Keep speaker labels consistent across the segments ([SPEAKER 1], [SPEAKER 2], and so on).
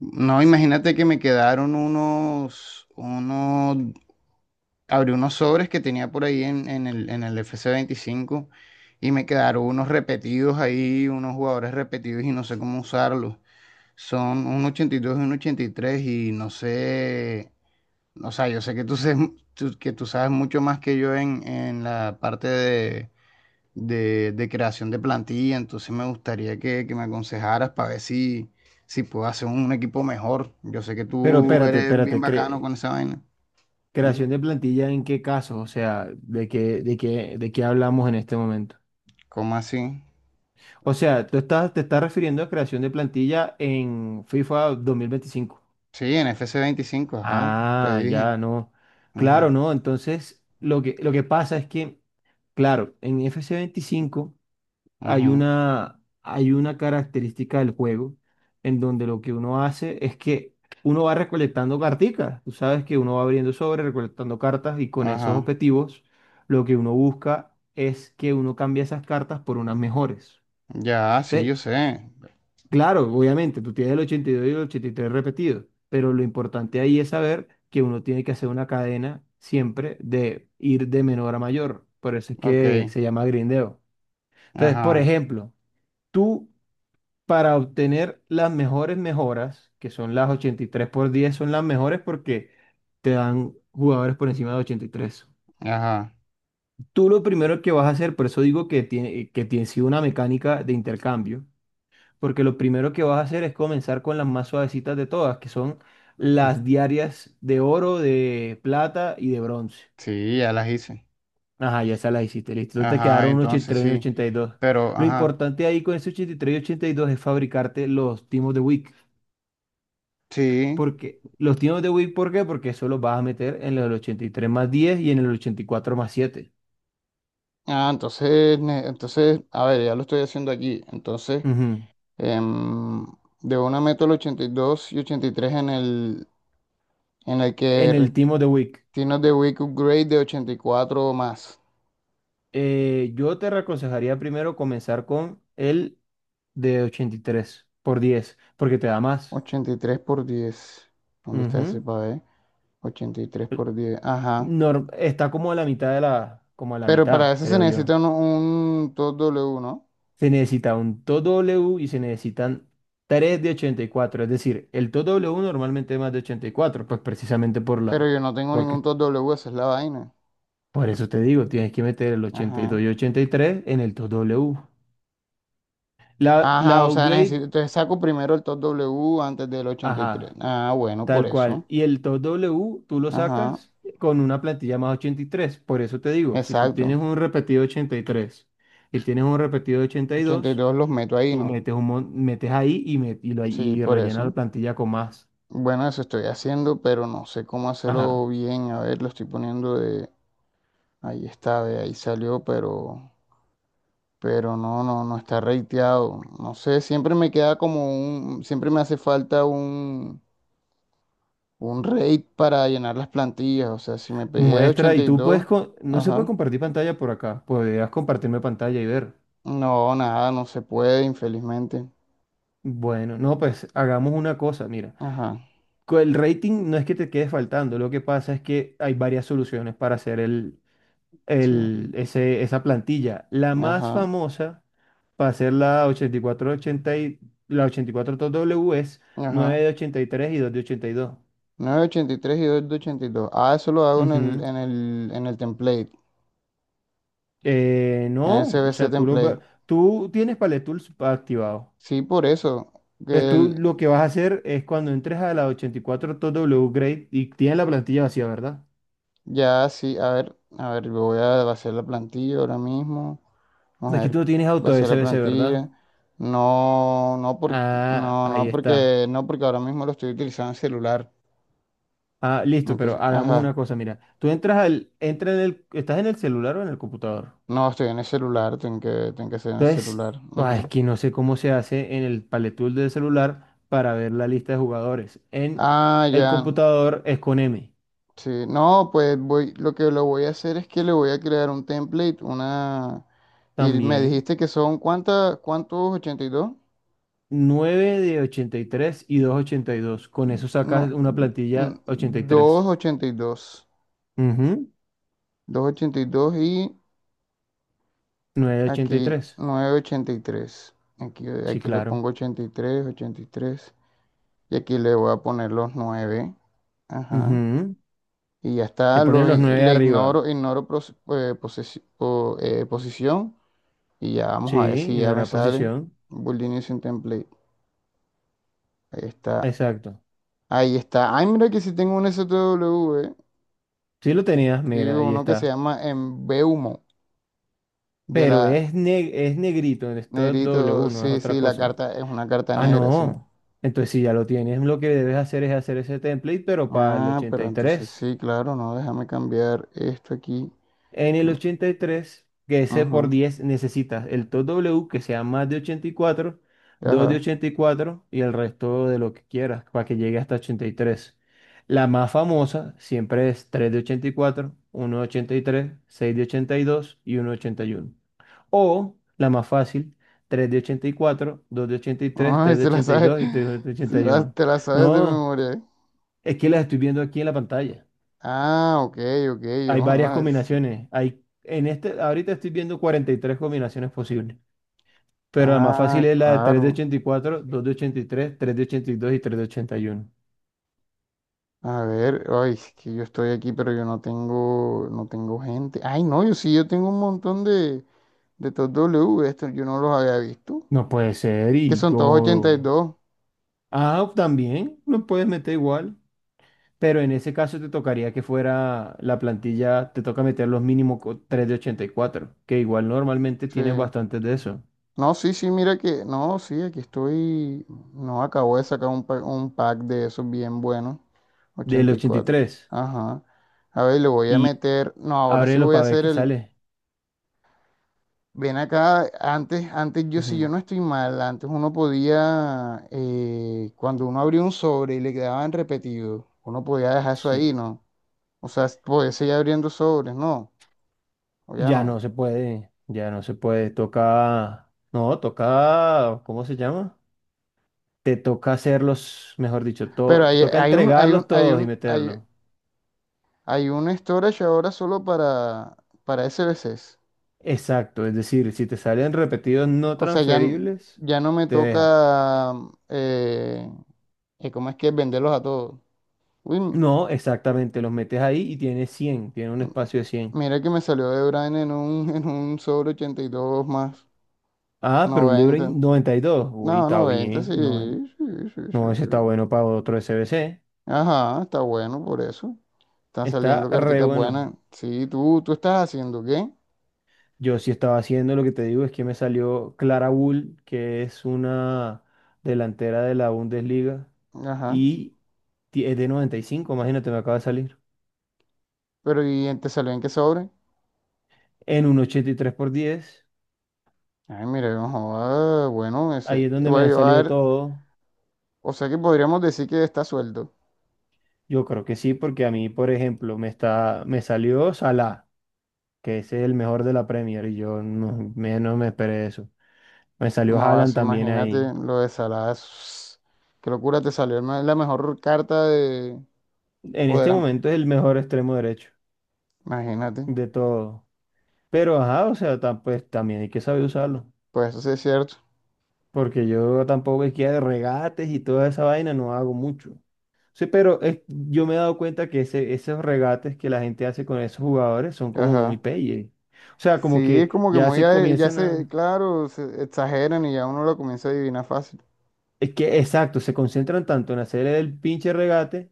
[SPEAKER 1] No, imagínate que me quedaron unos, abrí unos sobres que tenía por ahí en el fc veinticinco y me quedaron unos repetidos ahí, unos jugadores repetidos y no sé cómo usarlos. Son un ochenta y dos y un 83 y tres y no sé, o sea, yo sé que que tú sabes mucho más que yo en, en la parte de creación de plantilla, entonces me gustaría que me aconsejaras para ver si, si puedo hacer un equipo mejor. Yo sé que
[SPEAKER 2] Pero
[SPEAKER 1] tú. Pero,
[SPEAKER 2] espérate,
[SPEAKER 1] eres
[SPEAKER 2] espérate,
[SPEAKER 1] bien bacano con esa vaina.
[SPEAKER 2] creación
[SPEAKER 1] Ujú.
[SPEAKER 2] de plantilla ¿en qué caso? O sea, de qué hablamos en este momento?
[SPEAKER 1] ¿Cómo así?
[SPEAKER 2] O sea, te estás refiriendo a creación de plantilla en FIFA 2025?
[SPEAKER 1] Sí, en F C veinticinco, ajá, te
[SPEAKER 2] Ah,
[SPEAKER 1] dije.
[SPEAKER 2] ya, no. Claro,
[SPEAKER 1] Ujú,
[SPEAKER 2] no. Entonces, lo que pasa es que, claro, en FC 25
[SPEAKER 1] ujú,
[SPEAKER 2] hay una característica del juego en donde lo que uno hace es que uno va recolectando carticas. Tú sabes que uno va abriendo sobre, recolectando cartas y con esos
[SPEAKER 1] ajá.
[SPEAKER 2] objetivos lo que uno busca es que uno cambie esas cartas por unas mejores.
[SPEAKER 1] Ya, sí, yo
[SPEAKER 2] Entonces,
[SPEAKER 1] sé.
[SPEAKER 2] claro, obviamente, tú tienes el 82 y el 83 repetidos, pero lo importante ahí es saber que uno tiene que hacer una cadena siempre de ir de menor a mayor. Por eso es
[SPEAKER 1] Ok,
[SPEAKER 2] que se llama grindeo. Entonces, por
[SPEAKER 1] ajá,
[SPEAKER 2] ejemplo, tú, para obtener las mejores mejoras, que son las 83 por 10, son las mejores porque te dan jugadores por encima de 83.
[SPEAKER 1] ajá.
[SPEAKER 2] Tú lo primero que vas a hacer, por eso digo que tiene sido una mecánica de intercambio, porque lo primero que vas a hacer es comenzar con las más suavecitas de todas, que son
[SPEAKER 1] Mm,
[SPEAKER 2] las diarias de oro, de plata y de bronce.
[SPEAKER 1] sí, ya las hice.
[SPEAKER 2] Ajá, ya esas las hiciste, listo. Entonces te
[SPEAKER 1] Ajá,
[SPEAKER 2] quedaron un 83 y
[SPEAKER 1] entonces
[SPEAKER 2] tres y un
[SPEAKER 1] sí.
[SPEAKER 2] 82.
[SPEAKER 1] Pero,
[SPEAKER 2] Lo
[SPEAKER 1] ajá,
[SPEAKER 2] importante ahí con ese 83 y 82 es fabricarte los timos de week.
[SPEAKER 1] sí.
[SPEAKER 2] Porque los tiempos de Wii, ¿por qué? Porque eso los vas a meter en el 83 más 10 y en el 84 más 7.
[SPEAKER 1] Ah, entonces, a ver, ya lo estoy haciendo aquí. Entonces,
[SPEAKER 2] Ujú.
[SPEAKER 1] em, de una Metal 82 y 83 en el, en el
[SPEAKER 2] En
[SPEAKER 1] que
[SPEAKER 2] el
[SPEAKER 1] re-
[SPEAKER 2] Team of the Week.
[SPEAKER 1] tienes de Weak Upgrade de 84 o más.
[SPEAKER 2] Yo te aconsejaría primero comenzar con el de 83 por 10 porque te da más.
[SPEAKER 1] 83 por 10. ¿Dónde está ese
[SPEAKER 2] Ujú.
[SPEAKER 1] para ver? 83 por 10. Ajá.
[SPEAKER 2] Está como a la mitad de la, como a la
[SPEAKER 1] Pero para
[SPEAKER 2] mitad,
[SPEAKER 1] eso se
[SPEAKER 2] creo yo.
[SPEAKER 1] necesita un TOS W, ¿no?
[SPEAKER 2] Se necesita un TOW W y se necesitan 3 de 84. Es decir, el TOW W normalmente es más de 84, pues precisamente por
[SPEAKER 1] Pero
[SPEAKER 2] la,
[SPEAKER 1] yo no tengo
[SPEAKER 2] porque.
[SPEAKER 1] ningún TOS W, esa es la vaina.
[SPEAKER 2] Por eso te digo, tienes que meter el ochenta y
[SPEAKER 1] Ajá.
[SPEAKER 2] dos y 83 en el 2W. La,
[SPEAKER 1] Ajá,
[SPEAKER 2] la
[SPEAKER 1] o sea,
[SPEAKER 2] upgrade,
[SPEAKER 1] necesito, entonces saco primero el TOS W antes del 83.
[SPEAKER 2] ajá,
[SPEAKER 1] Ah, bueno, por
[SPEAKER 2] tal
[SPEAKER 1] eso.
[SPEAKER 2] cual. Y el 2W tú lo
[SPEAKER 1] Ajá,
[SPEAKER 2] sacas con una plantilla más 83. Por eso te digo, si tú tienes
[SPEAKER 1] exacto.
[SPEAKER 2] un repetido 83 y tienes un repetido 82,
[SPEAKER 1] 82 los meto ahí,
[SPEAKER 2] tú
[SPEAKER 1] ¿no?
[SPEAKER 2] metes, un, mon- metes ahí
[SPEAKER 1] Sí,
[SPEAKER 2] y
[SPEAKER 1] por
[SPEAKER 2] rellena la
[SPEAKER 1] eso.
[SPEAKER 2] plantilla con más.
[SPEAKER 1] Bueno, eso estoy haciendo, pero no sé cómo hacerlo
[SPEAKER 2] Ajá.
[SPEAKER 1] bien. A ver, lo estoy poniendo de... Ahí está, de ahí salió, pero... Pero no está rateado. No sé, siempre me queda como un... Siempre me hace falta un... Un rate para llenar las plantillas. O sea, si me pedía de
[SPEAKER 2] Muestra y
[SPEAKER 1] 82,
[SPEAKER 2] no se puede
[SPEAKER 1] ajá.
[SPEAKER 2] compartir pantalla por acá. Podrías compartirme pantalla y ver.
[SPEAKER 1] No, nada, no se puede, infelizmente.
[SPEAKER 2] Bueno, no, pues hagamos una cosa, mira.
[SPEAKER 1] Ajá,
[SPEAKER 2] El rating no es que te quede faltando, lo que pasa es que hay varias soluciones para hacer
[SPEAKER 1] sí.
[SPEAKER 2] esa plantilla. La más
[SPEAKER 1] Ajá,
[SPEAKER 2] famosa para hacer la 8480 y cuatro ochenta y, la 84W es 9
[SPEAKER 1] ajá.
[SPEAKER 2] de 83 y 2 de 82.
[SPEAKER 1] 9.83 y 2.82. Ah, eso lo hago en el,
[SPEAKER 2] Ujú.
[SPEAKER 1] en el, en el template.
[SPEAKER 2] Eh,
[SPEAKER 1] En
[SPEAKER 2] no, o
[SPEAKER 1] SBC
[SPEAKER 2] sea,
[SPEAKER 1] template.
[SPEAKER 2] tú tienes Palette Tools activado.
[SPEAKER 1] Sí, por eso.
[SPEAKER 2] Entonces
[SPEAKER 1] Que
[SPEAKER 2] tú
[SPEAKER 1] el-
[SPEAKER 2] lo que vas a hacer es cuando entres a la 84W Grade y tienes la plantilla vacía, ¿verdad?
[SPEAKER 1] ya sí, a ver, yo voy a vaciar la plantilla ahora mismo. Vamos
[SPEAKER 2] Es
[SPEAKER 1] a
[SPEAKER 2] que
[SPEAKER 1] ver,
[SPEAKER 2] tú no tienes auto
[SPEAKER 1] vaciar la
[SPEAKER 2] SBC, ¿verdad?
[SPEAKER 1] plantilla. No, no porque,
[SPEAKER 2] Ah,
[SPEAKER 1] no,
[SPEAKER 2] ahí
[SPEAKER 1] no
[SPEAKER 2] está.
[SPEAKER 1] porque, no porque ahora mismo lo estoy utilizando en celular.
[SPEAKER 2] Ah, listo, pero
[SPEAKER 1] Entonces,
[SPEAKER 2] hagamos
[SPEAKER 1] ajá.
[SPEAKER 2] una cosa, mira. Tú entras al, entra en el, ¿estás en el celular o en el computador?
[SPEAKER 1] No, estoy en el celular, tengo que hacer en el
[SPEAKER 2] Entonces,
[SPEAKER 1] celular.
[SPEAKER 2] ah, es
[SPEAKER 1] Ujú.
[SPEAKER 2] que no sé cómo se hace en el Palette Tool del celular para ver la lista de jugadores. En
[SPEAKER 1] Ah,
[SPEAKER 2] el
[SPEAKER 1] ya.
[SPEAKER 2] computador es con M.
[SPEAKER 1] Sí. No, pues voy, lo que lo voy a hacer es que le voy a crear un template, una. Y me
[SPEAKER 2] También
[SPEAKER 1] dijiste que son ¿cuántos? Ochenta y dos.
[SPEAKER 2] 9 de 83 y dos de 82. Con eso sacas
[SPEAKER 1] No,
[SPEAKER 2] una
[SPEAKER 1] n-
[SPEAKER 2] plantilla 83.
[SPEAKER 1] 282. Ochenta y dos,
[SPEAKER 2] Ujú.
[SPEAKER 1] doscientos ochenta y dos y
[SPEAKER 2] 9 de ochenta y
[SPEAKER 1] aquí
[SPEAKER 2] tres.
[SPEAKER 1] novecientos ochenta y tres. Aquí,
[SPEAKER 2] Sí,
[SPEAKER 1] aquí le
[SPEAKER 2] claro.
[SPEAKER 1] pongo ochenta y tres. Ochenta y tres y aquí le voy a poner los nueve. Ajá.
[SPEAKER 2] Ujú.
[SPEAKER 1] Y ya
[SPEAKER 2] Le
[SPEAKER 1] está,
[SPEAKER 2] pones los 9
[SPEAKER 1] le
[SPEAKER 2] arriba.
[SPEAKER 1] ignoro, posición. Y ya
[SPEAKER 2] Sí,
[SPEAKER 1] vamos a ver si ya me
[SPEAKER 2] ignorar
[SPEAKER 1] sale.
[SPEAKER 2] posición.
[SPEAKER 1] Building sin template. Ahí está.
[SPEAKER 2] Exacto.
[SPEAKER 1] Ahí está. Ay, mira que si tengo un STW, eh.
[SPEAKER 2] Sí lo tenías,
[SPEAKER 1] Sí,
[SPEAKER 2] mira, ahí
[SPEAKER 1] uno que se
[SPEAKER 2] está.
[SPEAKER 1] llama Embeumo, de
[SPEAKER 2] Pero
[SPEAKER 1] la...
[SPEAKER 2] es negrito, esto es doble
[SPEAKER 1] Negrito,
[SPEAKER 2] uno, es
[SPEAKER 1] sí,
[SPEAKER 2] otra
[SPEAKER 1] sí, la
[SPEAKER 2] cosa.
[SPEAKER 1] carta es una carta
[SPEAKER 2] Ah,
[SPEAKER 1] negra, sí.
[SPEAKER 2] no. Entonces, si ya lo tienes, lo que debes hacer es hacer ese template, pero para el
[SPEAKER 1] Ah,
[SPEAKER 2] ochenta
[SPEAKER 1] pero
[SPEAKER 2] y
[SPEAKER 1] entonces
[SPEAKER 2] tres.
[SPEAKER 1] sí, claro, no, déjame cambiar esto aquí.
[SPEAKER 2] En el
[SPEAKER 1] Mm,
[SPEAKER 2] 83, que ese por
[SPEAKER 1] ajá,
[SPEAKER 2] 10 necesitas el top W que sea más de 84, 2 de
[SPEAKER 1] ajá.
[SPEAKER 2] 84 y cuatro y el resto de lo que quieras para que llegue hasta 83. La más famosa siempre es 3 de 84, uno de 83, 6 de 82 y dos y uno de 81. O la más fácil, 3 de 84, 2 de 83, tres
[SPEAKER 1] Ay,
[SPEAKER 2] tres de
[SPEAKER 1] se la sabe,
[SPEAKER 2] 82 y dos y tres de 81.
[SPEAKER 1] te la sabes de
[SPEAKER 2] No,
[SPEAKER 1] memoria.
[SPEAKER 2] es que las estoy viendo aquí en la pantalla.
[SPEAKER 1] Ah, ok, ok, yo.
[SPEAKER 2] Hay varias combinaciones. Ahorita estoy viendo 43 combinaciones posibles. Pero la más fácil
[SPEAKER 1] Ah,
[SPEAKER 2] es la de 3 de
[SPEAKER 1] claro.
[SPEAKER 2] 84, 2 de 83, tres de 82 y tres de 81.
[SPEAKER 1] A ver, ay, es que yo estoy aquí, pero yo no tengo, no tengo gente. Ay, no, yo sí, yo tengo un montón de estos W, estos yo no los había visto.
[SPEAKER 2] No puede ser.
[SPEAKER 1] ¿Que
[SPEAKER 2] Y
[SPEAKER 1] son todos ochenta y
[SPEAKER 2] como.
[SPEAKER 1] dos?
[SPEAKER 2] Ah, también lo puedes meter igual. Pero en ese caso te tocaría que fuera la plantilla, te toca meter los mínimos, 3 de 84, que igual normalmente tienes
[SPEAKER 1] Sí.
[SPEAKER 2] bastantes de eso,
[SPEAKER 1] No, sí, sí, mira que, no, sí, aquí estoy, no, acabo de sacar un pack de esos bien buenos,
[SPEAKER 2] del
[SPEAKER 1] ochenta y cuatro.
[SPEAKER 2] 83.
[SPEAKER 1] Ajá. A ver, le voy a
[SPEAKER 2] Y tres. Y
[SPEAKER 1] meter, no, ahora sí
[SPEAKER 2] ábrelo
[SPEAKER 1] voy a
[SPEAKER 2] para ver
[SPEAKER 1] hacer
[SPEAKER 2] qué
[SPEAKER 1] el,
[SPEAKER 2] sale.
[SPEAKER 1] ven acá, si yo
[SPEAKER 2] Ujú.
[SPEAKER 1] no estoy mal, antes uno podía, cuando uno abría un sobre y le quedaban repetidos, uno podía dejar eso
[SPEAKER 2] Sí.
[SPEAKER 1] ahí, ¿no? O sea, podía seguir abriendo sobres, ¿no? O ya
[SPEAKER 2] Ya no
[SPEAKER 1] no.
[SPEAKER 2] se puede, ya no se puede, toca, no, toca, ¿cómo se llama? Te toca hacerlos, mejor dicho,
[SPEAKER 1] Pero
[SPEAKER 2] te toca entregarlos todos y meterlos.
[SPEAKER 1] hay un storage ahora solo para SBCs.
[SPEAKER 2] Exacto, es decir, si te salen repetidos no
[SPEAKER 1] O sea,
[SPEAKER 2] transferibles,
[SPEAKER 1] ya no me
[SPEAKER 2] te deja.
[SPEAKER 1] toca, eh, ¿cómo es que es? ¿Venderlos a todos? Uy, m-
[SPEAKER 2] No, exactamente, los metes ahí y tienes 100, tiene un espacio de 100.
[SPEAKER 1] mira que me salió de Brian en un sobre 82 más
[SPEAKER 2] Ah, pero un De Bruyne
[SPEAKER 1] noventa.
[SPEAKER 2] 92, uy,
[SPEAKER 1] No,
[SPEAKER 2] está
[SPEAKER 1] 90
[SPEAKER 2] bien.
[SPEAKER 1] sí,
[SPEAKER 2] No, no, ese está
[SPEAKER 1] sí.
[SPEAKER 2] bueno para otro SBC,
[SPEAKER 1] Ajá, está bueno por eso. Están
[SPEAKER 2] está
[SPEAKER 1] saliendo
[SPEAKER 2] re
[SPEAKER 1] carticas
[SPEAKER 2] bueno.
[SPEAKER 1] buenas. Sí, tú estás haciendo, ¿qué?
[SPEAKER 2] Yo sí estaba haciendo lo que te digo, es que me salió Clara Bull, que es una delantera de la Bundesliga,
[SPEAKER 1] Ajá.
[SPEAKER 2] y es de 95. Imagínate, me acaba de salir.
[SPEAKER 1] ¿Pero y te salió en qué sobre?
[SPEAKER 2] En un 83 por 10.
[SPEAKER 1] Ay, mira, no joda, bueno,
[SPEAKER 2] Ahí
[SPEAKER 1] ese,
[SPEAKER 2] es donde me
[SPEAKER 1] voy a
[SPEAKER 2] ha salido
[SPEAKER 1] llevar,
[SPEAKER 2] todo.
[SPEAKER 1] o sea que podríamos decir que está suelto.
[SPEAKER 2] Yo creo que sí, porque a mí, por ejemplo, me salió Salah, que es el mejor de la Premier, y yo no me esperé eso. Me salió
[SPEAKER 1] No,
[SPEAKER 2] Haaland
[SPEAKER 1] eso
[SPEAKER 2] también
[SPEAKER 1] imagínate
[SPEAKER 2] ahí.
[SPEAKER 1] lo de Salah. Qué locura, te salió el la mejor carta de...
[SPEAKER 2] En
[SPEAKER 1] O de
[SPEAKER 2] este
[SPEAKER 1] la...
[SPEAKER 2] momento es el mejor extremo derecho
[SPEAKER 1] Imagínate.
[SPEAKER 2] de todo. Pero ajá, o sea, pues también hay que saber usarlo.
[SPEAKER 1] Pues eso sí es cierto.
[SPEAKER 2] Porque yo tampoco es que de regates y toda esa vaina no hago mucho. Sí, pero yo me he dado cuenta que esos regates que la gente hace con esos jugadores son como muy
[SPEAKER 1] Ajá.
[SPEAKER 2] peyes. O sea,
[SPEAKER 1] Sí,
[SPEAKER 2] como
[SPEAKER 1] es
[SPEAKER 2] que
[SPEAKER 1] como que
[SPEAKER 2] ya
[SPEAKER 1] muy...
[SPEAKER 2] se
[SPEAKER 1] ya
[SPEAKER 2] comienzan
[SPEAKER 1] se,
[SPEAKER 2] a.
[SPEAKER 1] claro, se exageran y ya uno lo comienza a adivinar fácil.
[SPEAKER 2] Es que, exacto, se concentran tanto en hacer el pinche regate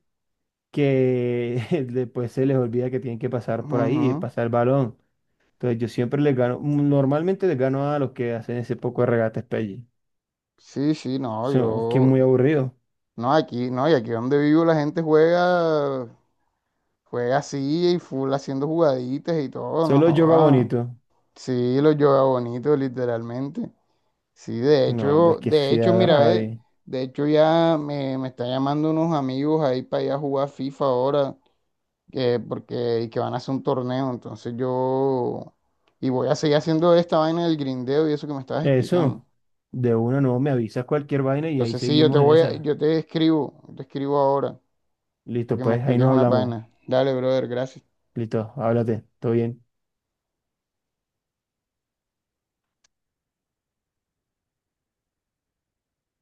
[SPEAKER 2] que después se les olvida que tienen que pasar por ahí,
[SPEAKER 1] Ujú.
[SPEAKER 2] pasar el balón. Entonces yo siempre les gano, normalmente les gano a los que hacen ese poco de regates peyes.
[SPEAKER 1] Sí, sí, no,
[SPEAKER 2] Son, que es
[SPEAKER 1] yo...
[SPEAKER 2] muy aburrido.
[SPEAKER 1] No, aquí, no, y aquí donde vivo la gente juega... Juega así y full haciendo jugaditas y todo, no
[SPEAKER 2] Solo yoga
[SPEAKER 1] joda.
[SPEAKER 2] bonito.
[SPEAKER 1] Sí, lo yoga bonito, literalmente. Sí,
[SPEAKER 2] No, hombre, es que si
[SPEAKER 1] mira,
[SPEAKER 2] agarra ahí.
[SPEAKER 1] de hecho ya me están llamando unos amigos ahí para ir a jugar FIFA ahora, y que van a hacer un torneo, entonces yo, y voy a seguir haciendo esta vaina del grindeo y eso que me estabas
[SPEAKER 2] Eso,
[SPEAKER 1] explicando.
[SPEAKER 2] de una no me avisas cualquier vaina y ahí
[SPEAKER 1] Entonces sí,
[SPEAKER 2] seguimos en esa.
[SPEAKER 1] yo te escribo ahora, para
[SPEAKER 2] Listo,
[SPEAKER 1] que me
[SPEAKER 2] pues ahí
[SPEAKER 1] expliques
[SPEAKER 2] nos
[SPEAKER 1] una
[SPEAKER 2] hablamos.
[SPEAKER 1] vaina. Dale, brother, gracias.
[SPEAKER 2] Listo, háblate, todo bien.